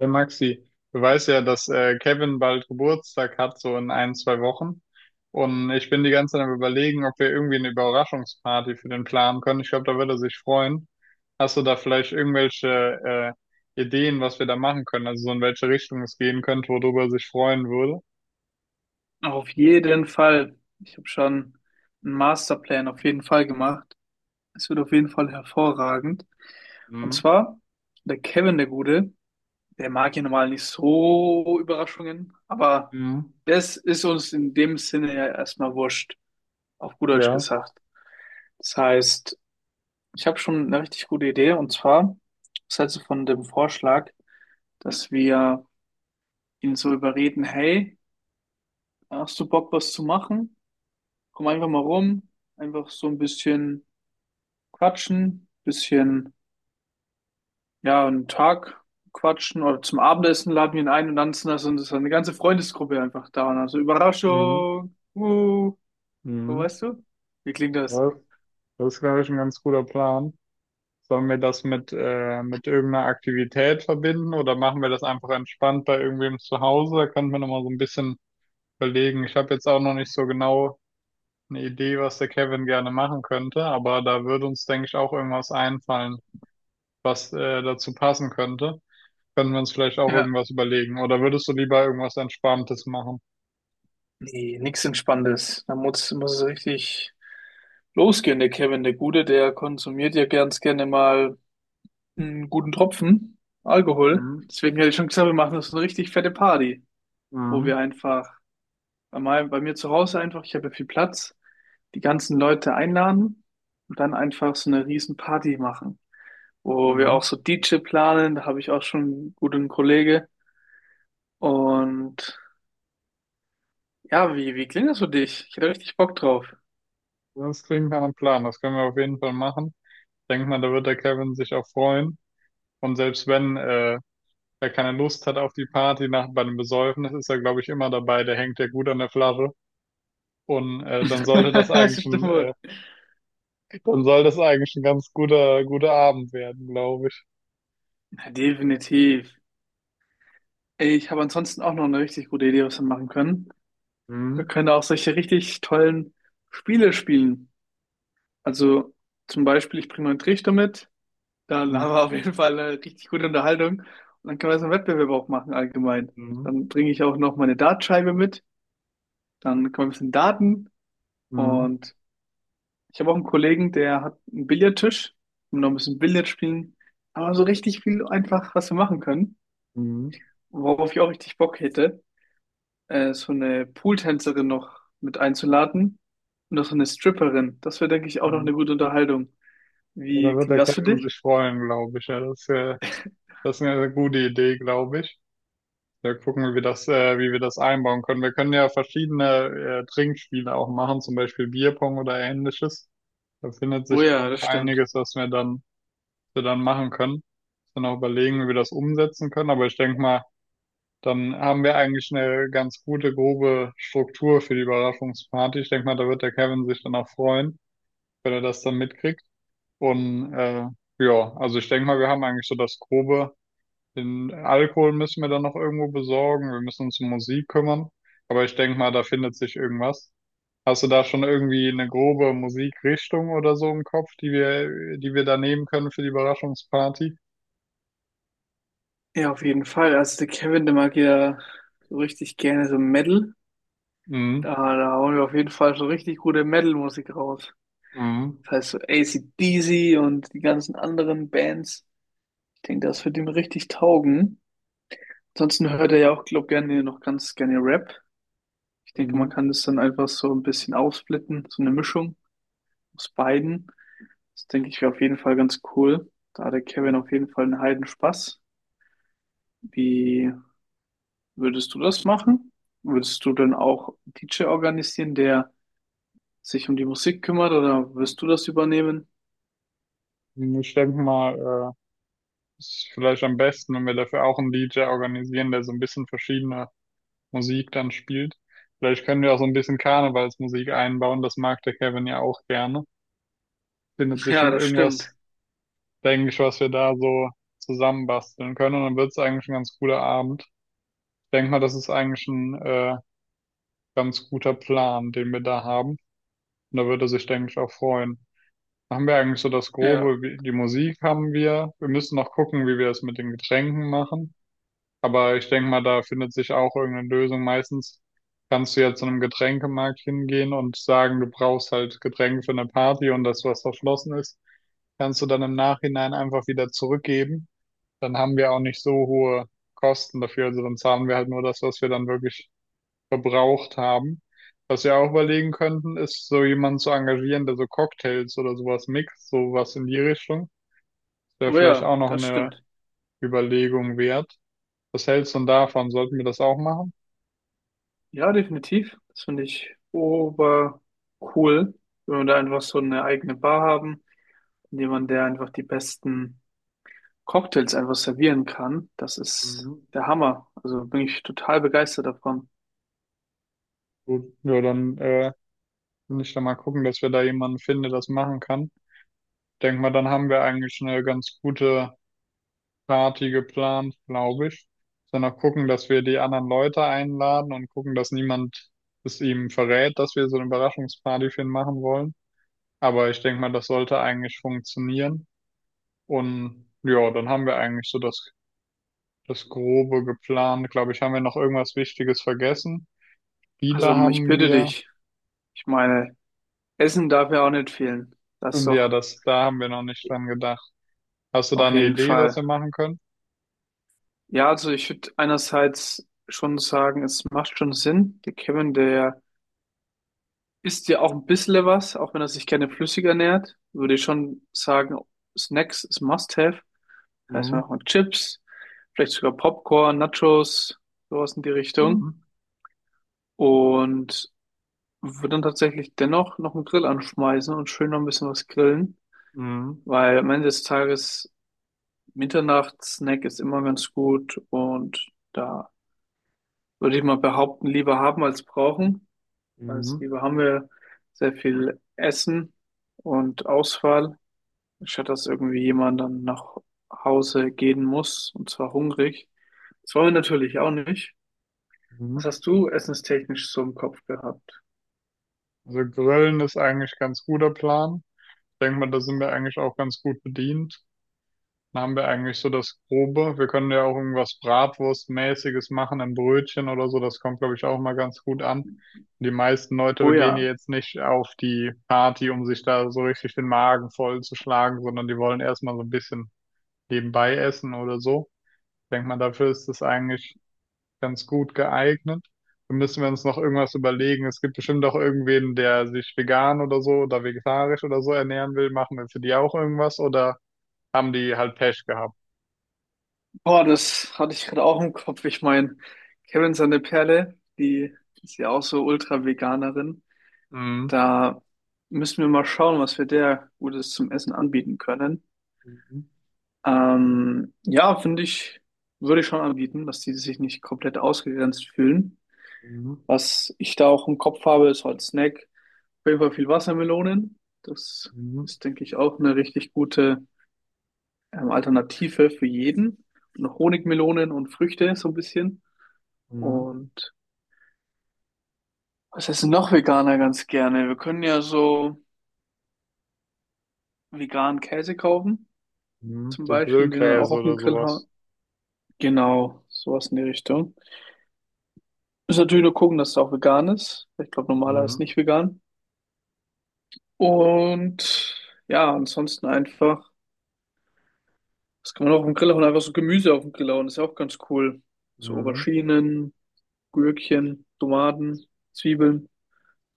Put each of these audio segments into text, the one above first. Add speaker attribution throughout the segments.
Speaker 1: Der Maxi, du weißt ja, dass Kevin bald Geburtstag hat, so in ein, zwei Wochen. Und ich bin die ganze Zeit am Überlegen, ob wir irgendwie eine Überraschungsparty für den planen können. Ich glaube, da würde er sich freuen. Hast du da vielleicht irgendwelche Ideen, was wir da machen können? Also so in welche Richtung es gehen könnte, worüber er sich freuen würde?
Speaker 2: Auf jeden Fall. Ich habe schon einen Masterplan auf jeden Fall gemacht. Es wird auf jeden Fall hervorragend. Und
Speaker 1: Mhm.
Speaker 2: zwar, der Kevin, der Gute, der mag ja normal nicht so Überraschungen, aber
Speaker 1: Mhm.
Speaker 2: das ist uns in dem Sinne ja erstmal wurscht, auf gut Deutsch
Speaker 1: Ja.
Speaker 2: gesagt. Das heißt, ich habe schon eine richtig gute Idee, und zwar, was hältst du von dem Vorschlag, dass wir ihn so überreden? Hey, hast du Bock, was zu machen? Komm einfach mal rum, einfach so ein bisschen quatschen, bisschen, ja, einen Tag quatschen oder zum Abendessen laden wir ihn ein und dann sind das, und das ist eine ganze Freundesgruppe einfach da. Und also
Speaker 1: Mhm.
Speaker 2: Überraschung, so,
Speaker 1: Mhm.
Speaker 2: weißt du? Wie klingt das?
Speaker 1: Das, Das ist, glaube ich, ein ganz guter Plan. Sollen wir das mit irgendeiner Aktivität verbinden oder machen wir das einfach entspannt bei irgendwem zu Hause? Da könnten wir nochmal so ein bisschen überlegen. Ich habe jetzt auch noch nicht so genau eine Idee, was der Kevin gerne machen könnte, aber da würde uns, denke ich, auch irgendwas einfallen, was dazu passen könnte. Können wir uns vielleicht auch
Speaker 2: Ja,
Speaker 1: irgendwas überlegen? Oder würdest du lieber irgendwas Entspanntes machen?
Speaker 2: nee, nichts Entspanntes. Da muss es richtig losgehen. Der Kevin, der Gute, der konsumiert ja ganz gerne mal einen guten Tropfen Alkohol.
Speaker 1: Mhm.
Speaker 2: Deswegen hätte ich schon gesagt, wir machen das eine richtig fette Party, wo wir
Speaker 1: Mhm.
Speaker 2: einfach einmal bei mir zu Hause einfach, ich habe ja viel Platz, die ganzen Leute einladen und dann einfach so eine riesen Party machen, wo wir auch
Speaker 1: Mhm.
Speaker 2: so DJ planen, da habe ich auch schon einen guten Kollege. Und ja, wie klingt das für dich? Ich hätte richtig Bock drauf.
Speaker 1: Das klingt nach einem Plan. Das können wir auf jeden Fall machen. Ich denke mal, da wird der Kevin sich auch freuen. Und selbst wenn wer keine Lust hat auf die Party nach bei dem Besäufen, das ist ja, glaube ich, immer dabei, der hängt ja gut an der Flasche. Und
Speaker 2: Das stimmt wohl.
Speaker 1: dann soll das eigentlich ein ganz guter Abend werden, glaube ich.
Speaker 2: Ja, definitiv. Ey, ich habe ansonsten auch noch eine richtig gute Idee, was wir machen können. Wir
Speaker 1: Mhm.
Speaker 2: können auch solche richtig tollen Spiele spielen. Also zum Beispiel, ich bringe meinen Trichter mit. Dann
Speaker 1: Mhm.
Speaker 2: haben wir auf jeden Fall eine richtig gute Unterhaltung. Und dann können wir so einen Wettbewerb auch machen allgemein.
Speaker 1: Mhm.
Speaker 2: Dann bringe ich auch noch meine Dartscheibe mit. Dann können wir ein bisschen daten.
Speaker 1: Mhm.
Speaker 2: Und ich habe auch einen Kollegen, der hat einen Billardtisch. Und noch ein bisschen Billard spielen. Aber so richtig viel einfach, was wir machen können.
Speaker 1: Mhm.
Speaker 2: Worauf ich auch richtig Bock hätte, so eine Pooltänzerin noch mit einzuladen. Und auch so eine Stripperin. Das wäre, denke ich, auch noch eine
Speaker 1: Mhm.
Speaker 2: gute Unterhaltung.
Speaker 1: Ja, da
Speaker 2: Wie
Speaker 1: wird
Speaker 2: klingt
Speaker 1: der
Speaker 2: das für
Speaker 1: Kevin
Speaker 2: dich?
Speaker 1: sich freuen, glaube ich. Ja, das ist eine gute Idee, glaube ich. Da gucken wir, wie wir das einbauen können. Wir können ja verschiedene Trinkspiele auch machen, zum Beispiel Bierpong oder ähnliches. Da findet
Speaker 2: Oh
Speaker 1: sich, glaube
Speaker 2: ja,
Speaker 1: ich,
Speaker 2: das stimmt.
Speaker 1: einiges, was wir dann machen können. Dann auch überlegen, wie wir das umsetzen können. Aber ich denke mal, dann haben wir eigentlich eine ganz gute, grobe Struktur für die Überraschungsparty. Ich denke mal, da wird der Kevin sich dann auch freuen, wenn er das dann mitkriegt. Und ja, also ich denke mal, wir haben eigentlich so das Grobe. Den Alkohol müssen wir dann noch irgendwo besorgen. Wir müssen uns um Musik kümmern. Aber ich denke mal, da findet sich irgendwas. Hast du da schon irgendwie eine grobe Musikrichtung oder so im Kopf, die wir da nehmen können für die Überraschungsparty?
Speaker 2: Ja, auf jeden Fall. Also der Kevin, der mag ja so richtig gerne so Metal.
Speaker 1: Mhm.
Speaker 2: Da hauen wir auf jeden Fall so richtig gute Metal-Musik raus.
Speaker 1: Mhm.
Speaker 2: Das heißt so AC/DC und die ganzen anderen Bands. Ich denke, das wird ihm richtig taugen. Ansonsten hört er ja auch, glaube ich, gerne noch ganz gerne Rap. Ich denke, man
Speaker 1: Mhm.
Speaker 2: kann das dann einfach so ein bisschen aufsplitten, so eine Mischung aus beiden. Das denke ich wäre auf jeden Fall ganz cool. Da hat der Kevin auf jeden Fall einen heiden Spaß. Wie Würdest du das machen? Würdest du dann auch DJ organisieren, der sich um die Musik kümmert, oder wirst du das übernehmen?
Speaker 1: Ich denke mal, ist vielleicht am besten, wenn wir dafür auch einen DJ organisieren, der so ein bisschen verschiedene Musik dann spielt. Vielleicht können wir auch so ein bisschen Karnevalsmusik einbauen, das mag der Kevin ja auch gerne. Findet sich
Speaker 2: Ja,
Speaker 1: schon
Speaker 2: das stimmt.
Speaker 1: irgendwas, denke ich, was wir da so zusammenbasteln können und dann wird es eigentlich ein ganz cooler Abend. Ich denke mal, das ist eigentlich ein ganz guter Plan, den wir da haben. Und da würde er sich, denke ich, auch freuen. Haben wir eigentlich so das
Speaker 2: Ja,
Speaker 1: Grobe, wie- die Musik haben wir. Wir müssen noch gucken, wie wir es mit den Getränken machen. Aber ich denke mal, da findet sich auch irgendeine Lösung. Meistens kannst du ja zu einem Getränkemarkt hingehen und sagen, du brauchst halt Getränke für eine Party und das, was verschlossen ist, kannst du dann im Nachhinein einfach wieder zurückgeben. Dann haben wir auch nicht so hohe Kosten dafür. Also dann zahlen wir halt nur das, was wir dann wirklich verbraucht haben. Was wir auch überlegen könnten, ist so jemanden zu engagieren, der so Cocktails oder sowas mixt, sowas in die Richtung. Das wäre
Speaker 2: oh
Speaker 1: vielleicht
Speaker 2: ja,
Speaker 1: auch noch
Speaker 2: das
Speaker 1: eine
Speaker 2: stimmt.
Speaker 1: Überlegung wert. Was hältst du denn davon? Sollten wir das auch machen?
Speaker 2: Ja, definitiv. Das finde ich ober cool, wenn wir da einfach so eine eigene Bar haben und jemand, der einfach die besten Cocktails einfach servieren kann. Das ist
Speaker 1: Mhm.
Speaker 2: der Hammer. Also bin ich total begeistert davon.
Speaker 1: Gut, ja, dann will ich da mal gucken, dass wir da jemanden finden, der das machen kann. Denk mal, dann haben wir eigentlich eine ganz gute Party geplant, glaube ich. Dann noch gucken, dass wir die anderen Leute einladen und gucken, dass niemand es ihm verrät, dass wir so eine Überraschungsparty für ihn machen wollen. Aber ich denke mal, das sollte eigentlich funktionieren. Und ja, dann haben wir eigentlich so das Grobe geplant. Glaube ich, haben wir noch irgendwas Wichtiges vergessen?
Speaker 2: Also
Speaker 1: Lieder
Speaker 2: ich
Speaker 1: haben
Speaker 2: bitte
Speaker 1: wir.
Speaker 2: dich, ich meine, Essen darf ja auch nicht fehlen. Das ist
Speaker 1: Und ja,
Speaker 2: doch
Speaker 1: das, da haben wir noch nicht dran gedacht. Hast du da
Speaker 2: auf
Speaker 1: eine
Speaker 2: jeden
Speaker 1: Idee, was
Speaker 2: Fall.
Speaker 1: wir machen können?
Speaker 2: Ja, also ich würde einerseits schon sagen, es macht schon Sinn. Der Kevin, der isst ja auch ein bisschen was, auch wenn er sich gerne flüssig ernährt. Würde ich schon sagen, Snacks ist Must-have. Das heißt, wir
Speaker 1: Mhm.
Speaker 2: machen Chips, vielleicht sogar Popcorn, Nachos, sowas in die Richtung.
Speaker 1: Mhm.
Speaker 2: Und würde dann tatsächlich dennoch noch einen Grill anschmeißen und schön noch ein bisschen was grillen,
Speaker 1: Mhm.
Speaker 2: weil am Ende des Tages Mitternachtssnack ist immer ganz gut und da würde ich mal behaupten, lieber haben als brauchen. Als
Speaker 1: Mhm.
Speaker 2: Liebe haben wir sehr viel Essen und Auswahl, statt dass irgendwie jemand dann nach Hause gehen muss, und zwar hungrig. Das wollen wir natürlich auch nicht. Was
Speaker 1: Mhm.
Speaker 2: hast du essenstechnisch so im Kopf gehabt?
Speaker 1: Also Grillen ist eigentlich ein ganz guter Plan. Ich denke mal, da sind wir eigentlich auch ganz gut bedient. Dann haben wir eigentlich so das Grobe. Wir können ja auch irgendwas Bratwurstmäßiges machen, ein Brötchen oder so. Das kommt, glaube ich, auch mal ganz gut an. Die meisten Leute
Speaker 2: Oh
Speaker 1: gehen ja
Speaker 2: ja,
Speaker 1: jetzt nicht auf die Party, um sich da so richtig den Magen vollzuschlagen, sondern die wollen erstmal so ein bisschen nebenbei essen oder so. Ich denke mal, dafür ist es eigentlich ganz gut geeignet. Dann müssen wir uns noch irgendwas überlegen. Es gibt bestimmt auch irgendwen, der sich vegan oder so oder vegetarisch oder so ernähren will. Machen wir für die auch irgendwas oder haben die halt Pech gehabt?
Speaker 2: boah, das hatte ich gerade auch im Kopf. Ich meine, Kevin seine Perle, die ist ja auch so Ultra-Veganerin.
Speaker 1: Mhm.
Speaker 2: Da müssen wir mal schauen, was wir der Gutes zum Essen anbieten können.
Speaker 1: Mhm.
Speaker 2: Ja, finde ich, würde ich schon anbieten, dass die sich nicht komplett ausgegrenzt fühlen.
Speaker 1: Mhm.
Speaker 2: Was ich da auch im Kopf habe, ist halt Snack. Auf jeden Fall viel Wassermelonen. Das
Speaker 1: Mhm.
Speaker 2: ist, denke ich, auch eine richtig gute Alternative für jeden. Und noch Honigmelonen und Früchte so ein bisschen.
Speaker 1: Mhm.
Speaker 2: Und was essen noch Veganer ganz gerne? Wir können ja so veganen Käse kaufen,
Speaker 1: Mhm.
Speaker 2: zum
Speaker 1: So
Speaker 2: Beispiel, den dann auch
Speaker 1: Grillkäse
Speaker 2: auf dem
Speaker 1: oder
Speaker 2: Grill
Speaker 1: sowas.
Speaker 2: hauen. Genau, sowas in die Richtung. Müssen natürlich nur gucken, dass es auch vegan ist. Ich glaube, normaler ist
Speaker 1: Mhm.
Speaker 2: nicht vegan. Und ja, ansonsten einfach, das kann man auch auf dem Grill hauen? Einfach so Gemüse auf dem Grill hauen, ist ja auch ganz cool. So
Speaker 1: Mhm.
Speaker 2: Auberginen, Gürkchen, Tomaten, Zwiebeln.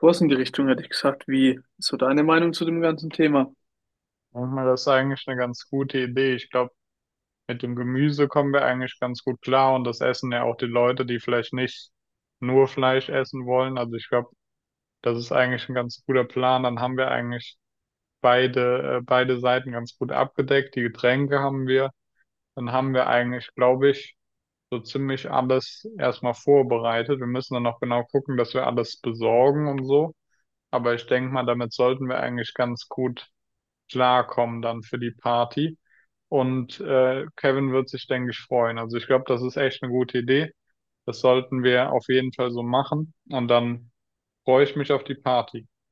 Speaker 2: Sowas in die Richtung hätte ich gesagt. Wie ist so deine Meinung zu dem ganzen Thema?
Speaker 1: Manchmal ist eigentlich eine ganz gute Idee. Ich glaube, mit dem Gemüse kommen wir eigentlich ganz gut klar und das essen ja auch die Leute, die vielleicht nicht nur Fleisch essen wollen. Also ich glaube, das ist eigentlich ein ganz guter Plan. Dann haben wir eigentlich beide Seiten ganz gut abgedeckt. Die Getränke haben wir. Dann haben wir eigentlich, glaube ich, so ziemlich alles erstmal vorbereitet. Wir müssen dann noch genau gucken, dass wir alles besorgen und so. Aber ich denke mal, damit sollten wir eigentlich ganz gut klarkommen dann für die Party. Und Kevin wird sich, denke ich, freuen. Also ich glaube, das ist echt eine gute Idee. Das sollten wir auf jeden Fall so machen. Und dann freue ich mich auf die Party.